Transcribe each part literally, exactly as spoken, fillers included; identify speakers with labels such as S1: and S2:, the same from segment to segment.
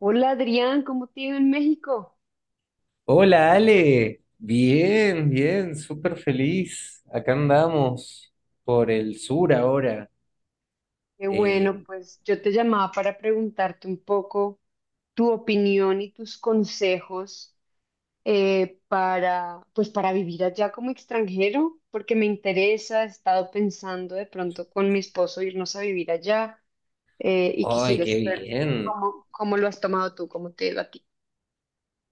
S1: Hola Adrián, ¿cómo te ha ido en México?
S2: Hola Ale, bien, bien, súper feliz. Acá andamos por el sur ahora.
S1: Qué bueno,
S2: Eh,
S1: pues yo te llamaba para preguntarte un poco tu opinión y tus consejos eh, para, pues para vivir allá como extranjero, porque me interesa, he estado pensando de pronto con mi esposo irnos a vivir allá, eh, y
S2: ¡Ay,
S1: quisiera
S2: qué
S1: saber
S2: bien!
S1: cómo, cómo lo has tomado tú, cómo te ha ido a ti.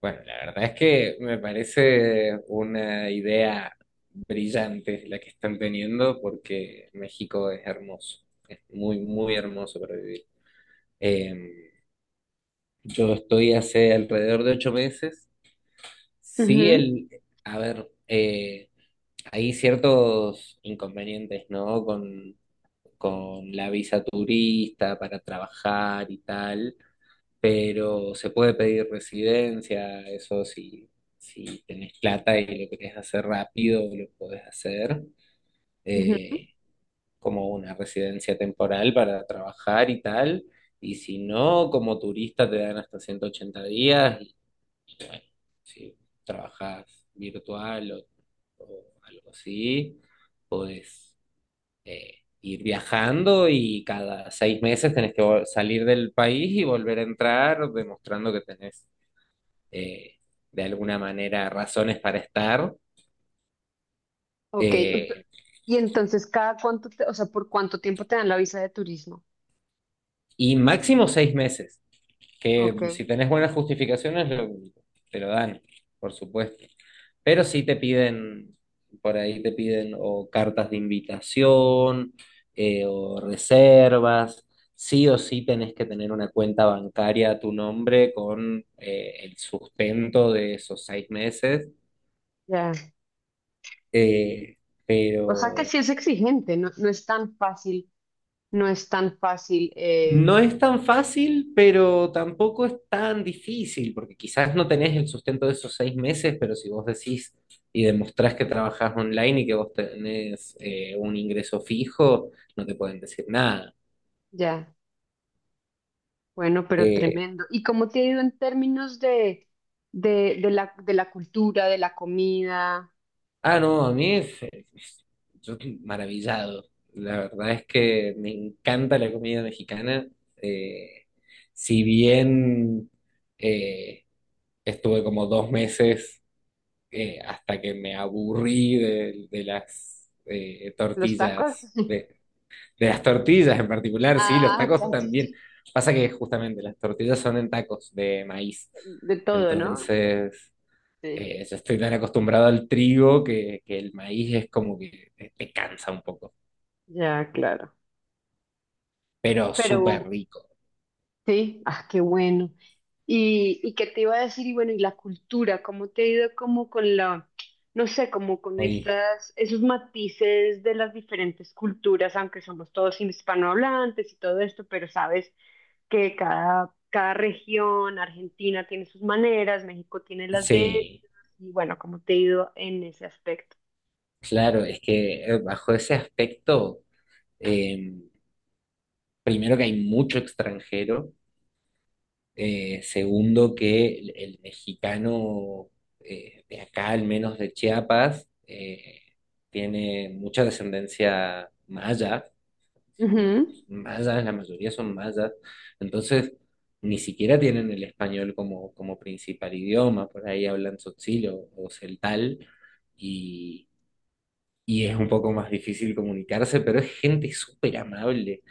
S2: Bueno, la verdad es que me parece una idea brillante la que están teniendo porque México es hermoso, es muy, muy hermoso para vivir. Eh, yo estoy hace alrededor de ocho meses. Sí,
S1: Ujú,
S2: el, a ver, eh, hay ciertos inconvenientes, ¿no? Con con la visa turista para trabajar y tal, pero se puede pedir residencia, eso si, si tenés plata y lo querés hacer rápido, lo podés hacer,
S1: ujú.
S2: eh, como una residencia temporal para trabajar y tal, y si no, como turista te dan hasta ciento ochenta días y bueno, si trabajás virtual o, o algo así, podés eh, ir viajando y cada seis meses tenés que vol- salir del país y volver a entrar, demostrando que tenés eh, de alguna manera razones para estar,
S1: Ok,
S2: eh,
S1: y entonces cada cuánto, te- o sea, ¿por cuánto tiempo te dan la visa de turismo?
S2: y máximo seis meses.
S1: Ok,
S2: Que si tenés buenas justificaciones lo- te lo dan, por supuesto. Pero sí te piden, por ahí te piden o cartas de invitación, eh, o reservas. Sí o sí tenés que tener una cuenta bancaria a tu nombre con eh, el sustento de esos seis meses.
S1: ya.
S2: Eh,
S1: O sea que
S2: pero
S1: sí es exigente, no, no es tan fácil, no es tan fácil, eh,
S2: no es tan fácil, pero tampoco es tan difícil, porque quizás no tenés el sustento de esos seis meses, pero si vos decís y demostrás que trabajás online y que vos tenés eh, un ingreso fijo, no te pueden decir nada.
S1: ya, bueno, pero
S2: Eh,
S1: tremendo. ¿Y cómo te ha ido en términos de, de, de la, de la cultura, de la comida,
S2: ah, no, a mí es- es- yo estoy maravillado. La verdad es que me encanta la comida mexicana. Eh, si bien eh, estuve como dos meses eh, hasta que me aburrí de, de las eh,
S1: los tacos?
S2: tortillas, de, de las tortillas en particular, sí, los
S1: Ah, ya,
S2: tacos
S1: ya, ya.
S2: también. Pasa que justamente las tortillas son en tacos de maíz,
S1: De todo, ¿no?
S2: entonces
S1: Sí,
S2: eh, yo estoy tan acostumbrado al trigo que, que el maíz es como que te, te cansa un poco,
S1: ya, claro.
S2: pero súper
S1: Pero
S2: rico.
S1: sí, ah, qué bueno. Y, y qué te iba a decir, y bueno, y la cultura, ¿cómo te ha ido como con la, no sé, como con
S2: Hoy,
S1: estas, esos matices de las diferentes culturas, aunque somos todos hispanohablantes y todo esto, pero sabes que cada, cada región, Argentina tiene sus maneras, México tiene las de ellos,
S2: sí,
S1: y bueno, ¿cómo te ha ido en ese aspecto?
S2: claro, es que eh, bajo ese aspecto, eh, primero que hay mucho extranjero. Eh, segundo, que el, el mexicano, eh, de acá, al menos de Chiapas, eh, tiene mucha descendencia maya. Son
S1: Ujú,
S2: mayas, la mayoría son mayas. Entonces, ni siquiera tienen el español como, como principal idioma. Por ahí hablan tzotzil o, o celtal. Y, y es un poco más difícil comunicarse, pero es gente súper amable.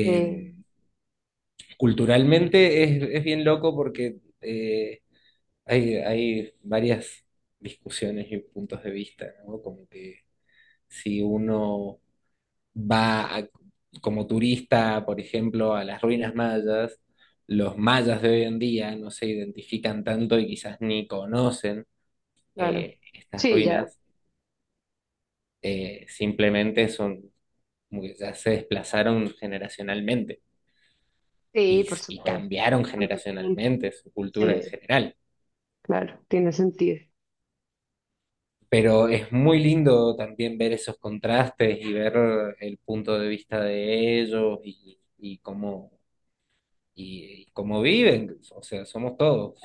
S1: eh,
S2: culturalmente es, es bien loco porque eh, hay, hay varias discusiones y puntos de vista, ¿no? Como que si uno va a- como turista, por ejemplo, a las ruinas mayas, los mayas de hoy en día no se identifican tanto y quizás ni conocen
S1: claro.
S2: eh, estas
S1: Sí, ya.
S2: ruinas, eh, simplemente son como que ya se desplazaron generacionalmente
S1: Sí,
S2: y,
S1: por
S2: s- y
S1: supuesto.
S2: cambiaron
S1: Tanto tiempo.
S2: generacionalmente su cultura en
S1: Sí.
S2: general.
S1: Claro, tiene sentido.
S2: Pero es muy lindo también ver esos contrastes y ver el punto de vista de ellos y, y cómo, y, y cómo viven. O sea, somos todos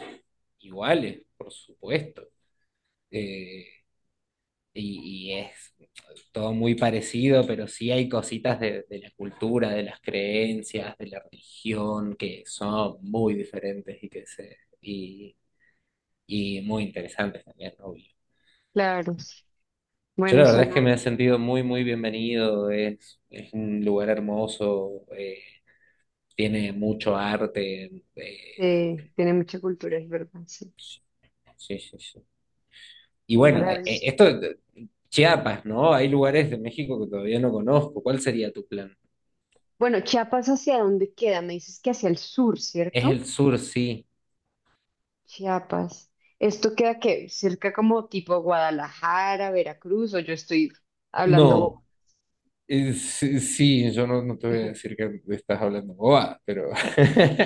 S2: iguales, por supuesto. Eh, y, y es todo muy parecido, pero sí hay cositas de, de la cultura, de las creencias, de la religión, que son muy diferentes y que se, y, y muy interesantes también, obvio.
S1: Claro.
S2: Yo
S1: Bueno,
S2: la verdad es que
S1: suena,
S2: me he sentido muy, muy bienvenido. Es, es un lugar hermoso, eh, tiene mucho arte. Eh,
S1: eh, tiene mucha cultura, es verdad, sí.
S2: sí, sí, sí. Y
S1: Qué
S2: bueno, eh, eh,
S1: maravilla.
S2: esto, eh, Chiapas, ¿no? Hay lugares de México que todavía no conozco. ¿Cuál sería tu plan?
S1: Bueno, Chiapas, ¿hacia dónde queda? Me dices que hacia el sur,
S2: Es
S1: ¿cierto?
S2: el sur, sí.
S1: Chiapas. ¿Esto queda qué? Cerca como tipo Guadalajara, Veracruz, o yo estoy hablando,
S2: No, eh, sí, sí, yo no, no te voy a decir que estás hablando boba, pero...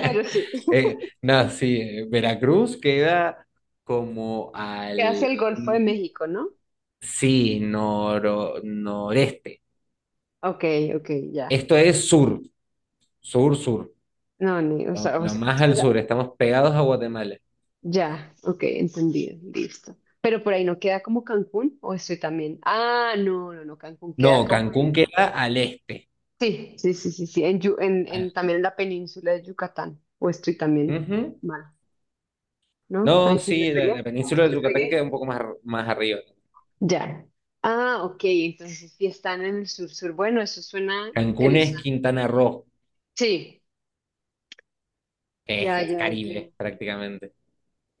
S1: pero sí.
S2: eh, no, sí, eh, Veracruz queda como
S1: ¿Queda hacia
S2: al...
S1: el Golfo de México, no?
S2: Sí, noro- noreste.
S1: Ok, ok, ya.
S2: Esto es sur, sur, sur.
S1: No, ni, o
S2: Lo,
S1: sea, o
S2: lo
S1: sea,
S2: más al sur. Estamos pegados a Guatemala.
S1: ya, ok, entendido, listo. Pero por ahí no queda como Cancún, o estoy también. Ah, no, no, no, Cancún queda
S2: No,
S1: como
S2: Cancún
S1: en.
S2: queda al este.
S1: Sí, sí, sí, sí, sí, en, Yu- en,
S2: Al...
S1: en- también en la península de Yucatán, o estoy también
S2: Ujú.
S1: mal, ¿no?
S2: No,
S1: Ahí sí le
S2: sí, la,
S1: pegué,
S2: la
S1: ahí sí
S2: península de
S1: le
S2: Yucatán queda un
S1: pegué.
S2: poco más, ar- más arriba.
S1: Ya. Ah, ok, entonces sí están en el sur, sur. Bueno, eso suena
S2: Cancún es
S1: interesante.
S2: Quintana Roo,
S1: Sí,
S2: que es
S1: ya, ya, ya.
S2: Caribe prácticamente.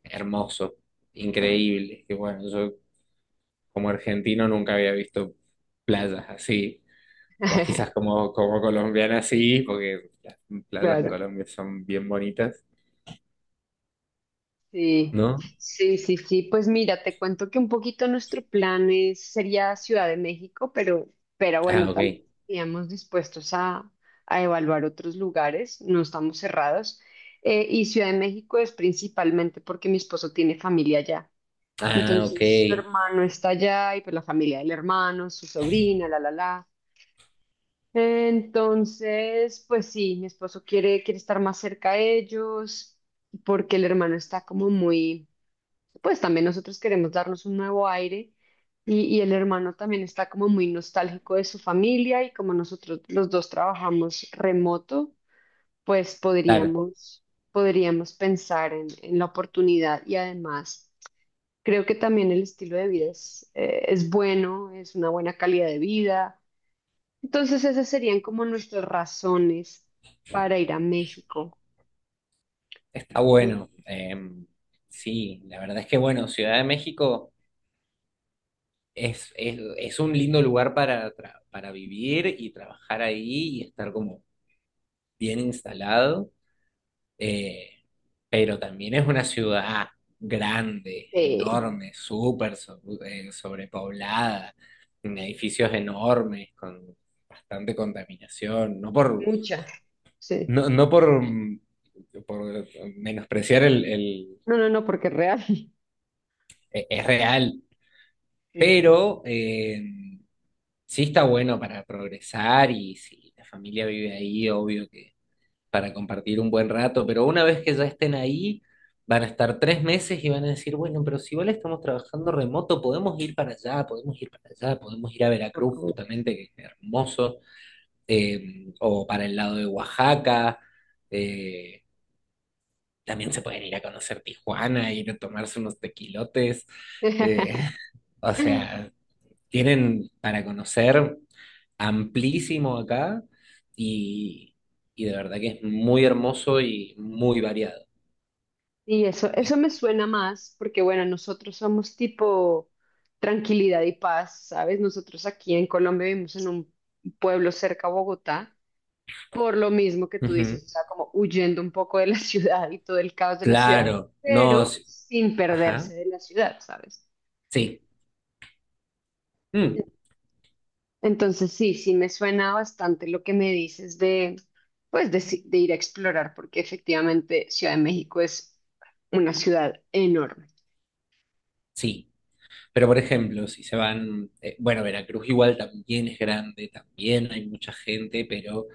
S2: Hermoso, increíble. Y bueno, yo como argentino nunca había visto playas así. Vos quizás como, como colombiana sí, porque las playas en
S1: Claro.
S2: Colombia son bien bonitas,
S1: Sí,
S2: ¿no?
S1: sí, sí, sí. Pues mira, te cuento que un poquito nuestro plan es, sería Ciudad de México, pero, pero
S2: Ah,
S1: bueno,
S2: ok.
S1: también estaríamos dispuestos a, a evaluar otros lugares, no estamos cerrados. Eh, y Ciudad de México es principalmente porque mi esposo tiene familia allá.
S2: Ah, ok.
S1: Entonces, su hermano está allá y pues la familia del hermano, su sobrina, la, la, la. Entonces, pues sí, mi esposo quiere, quiere estar más cerca de ellos porque el hermano está como muy, pues también nosotros queremos darnos un nuevo aire y, y el hermano también está como muy nostálgico de su familia y como nosotros los dos trabajamos remoto, pues
S2: Claro,
S1: podríamos, podríamos pensar en, en la oportunidad y además creo que también el estilo de vida es, eh, es bueno, es una buena calidad de vida. Entonces esas serían como nuestras razones para ir a México.
S2: está bueno. Em, sí, la verdad es que bueno, Ciudad de México es, es, es un lindo lugar para, tra- para vivir y trabajar ahí y estar como bien instalado. Eh, pero también es una ciudad grande,
S1: Este,
S2: enorme, súper so- eh, sobrepoblada, en edificios enormes, con bastante contaminación, no por,
S1: muchas. Sí.
S2: no, no por, mm, por menospreciar el, el-
S1: No, no, no, porque es real.
S2: e- es real,
S1: Sí, sí.
S2: pero eh, sí está bueno para progresar y si la familia vive ahí, obvio para compartir un buen rato, pero una vez que ya estén ahí, van a estar tres meses y van a decir, bueno, pero si igual estamos trabajando remoto, podemos ir para allá, podemos ir para allá, podemos ir a
S1: Por
S2: Veracruz
S1: favor.
S2: justamente, que es hermoso, eh, o para el lado de Oaxaca, eh, también se pueden ir a conocer Tijuana, ir a tomarse unos tequilotes, eh, o sea, tienen para conocer amplísimo acá y, y de verdad que es muy hermoso y muy variado.
S1: Y eso,
S2: ¿Eh?
S1: eso me suena más porque, bueno, nosotros somos tipo tranquilidad y paz, ¿sabes? Nosotros aquí en Colombia vivimos en un pueblo cerca a Bogotá, por lo mismo que tú
S2: Ujú.
S1: dices, o sea, como huyendo un poco de la ciudad y todo el caos de la ciudad,
S2: Claro, no,
S1: pero
S2: sí,
S1: sin perderse
S2: ajá,
S1: de la ciudad, ¿sabes?
S2: sí, mm,
S1: Entonces sí, sí me suena bastante lo que me dices de, pues, de, si- de ir a explorar, porque efectivamente Ciudad de México es una ciudad enorme.
S2: sí. Pero por ejemplo, si se van, eh, bueno, Veracruz igual también es grande, también hay mucha gente, pero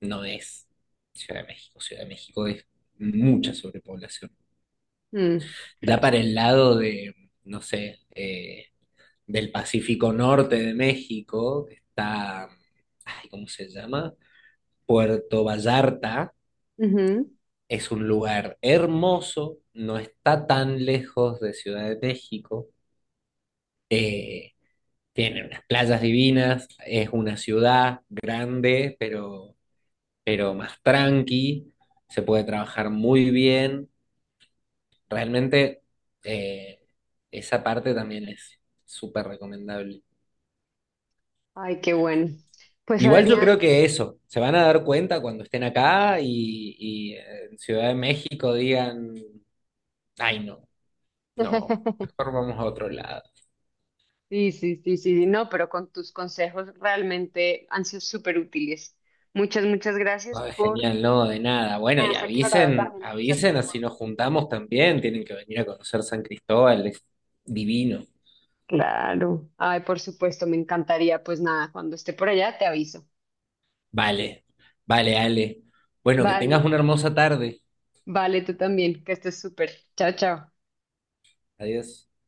S2: no es Ciudad de México. Ciudad de México es mucha sobrepoblación.
S1: Mm,
S2: Ya
S1: claro.
S2: para el lado de, no sé, eh, del Pacífico Norte de México, que está, ay, ¿cómo se llama? Puerto Vallarta.
S1: Ujú.
S2: Es un lugar hermoso, no está tan lejos de Ciudad de México. eh, Tiene unas playas divinas, es una ciudad grande, pero, pero más tranqui, se puede trabajar muy bien. Realmente eh, esa parte también es súper recomendable.
S1: Ay, qué bueno. Pues
S2: Igual yo
S1: Adrián,
S2: creo que eso, se van a dar cuenta cuando estén acá y, y eh, en Ciudad de México digan, ay no, no, mejor vamos a otro lado.
S1: sí, sí, sí, sí, sí, no, pero con tus consejos realmente han sido súper útiles. Muchas, muchas gracias
S2: No, es
S1: por,
S2: genial, no, de nada.
S1: me
S2: Bueno, y
S1: has aclarado
S2: avisen,
S1: también muchas
S2: avisen, así
S1: preguntas.
S2: nos juntamos también, tienen que venir a conocer San Cristóbal, es divino.
S1: Claro. Ay, por supuesto, me encantaría. Pues nada, cuando esté por allá te aviso.
S2: Vale, vale, Ale. Bueno, que
S1: Vale,
S2: tengas una hermosa tarde.
S1: vale, tú también, que estés súper. Chao, chao.
S2: Adiós.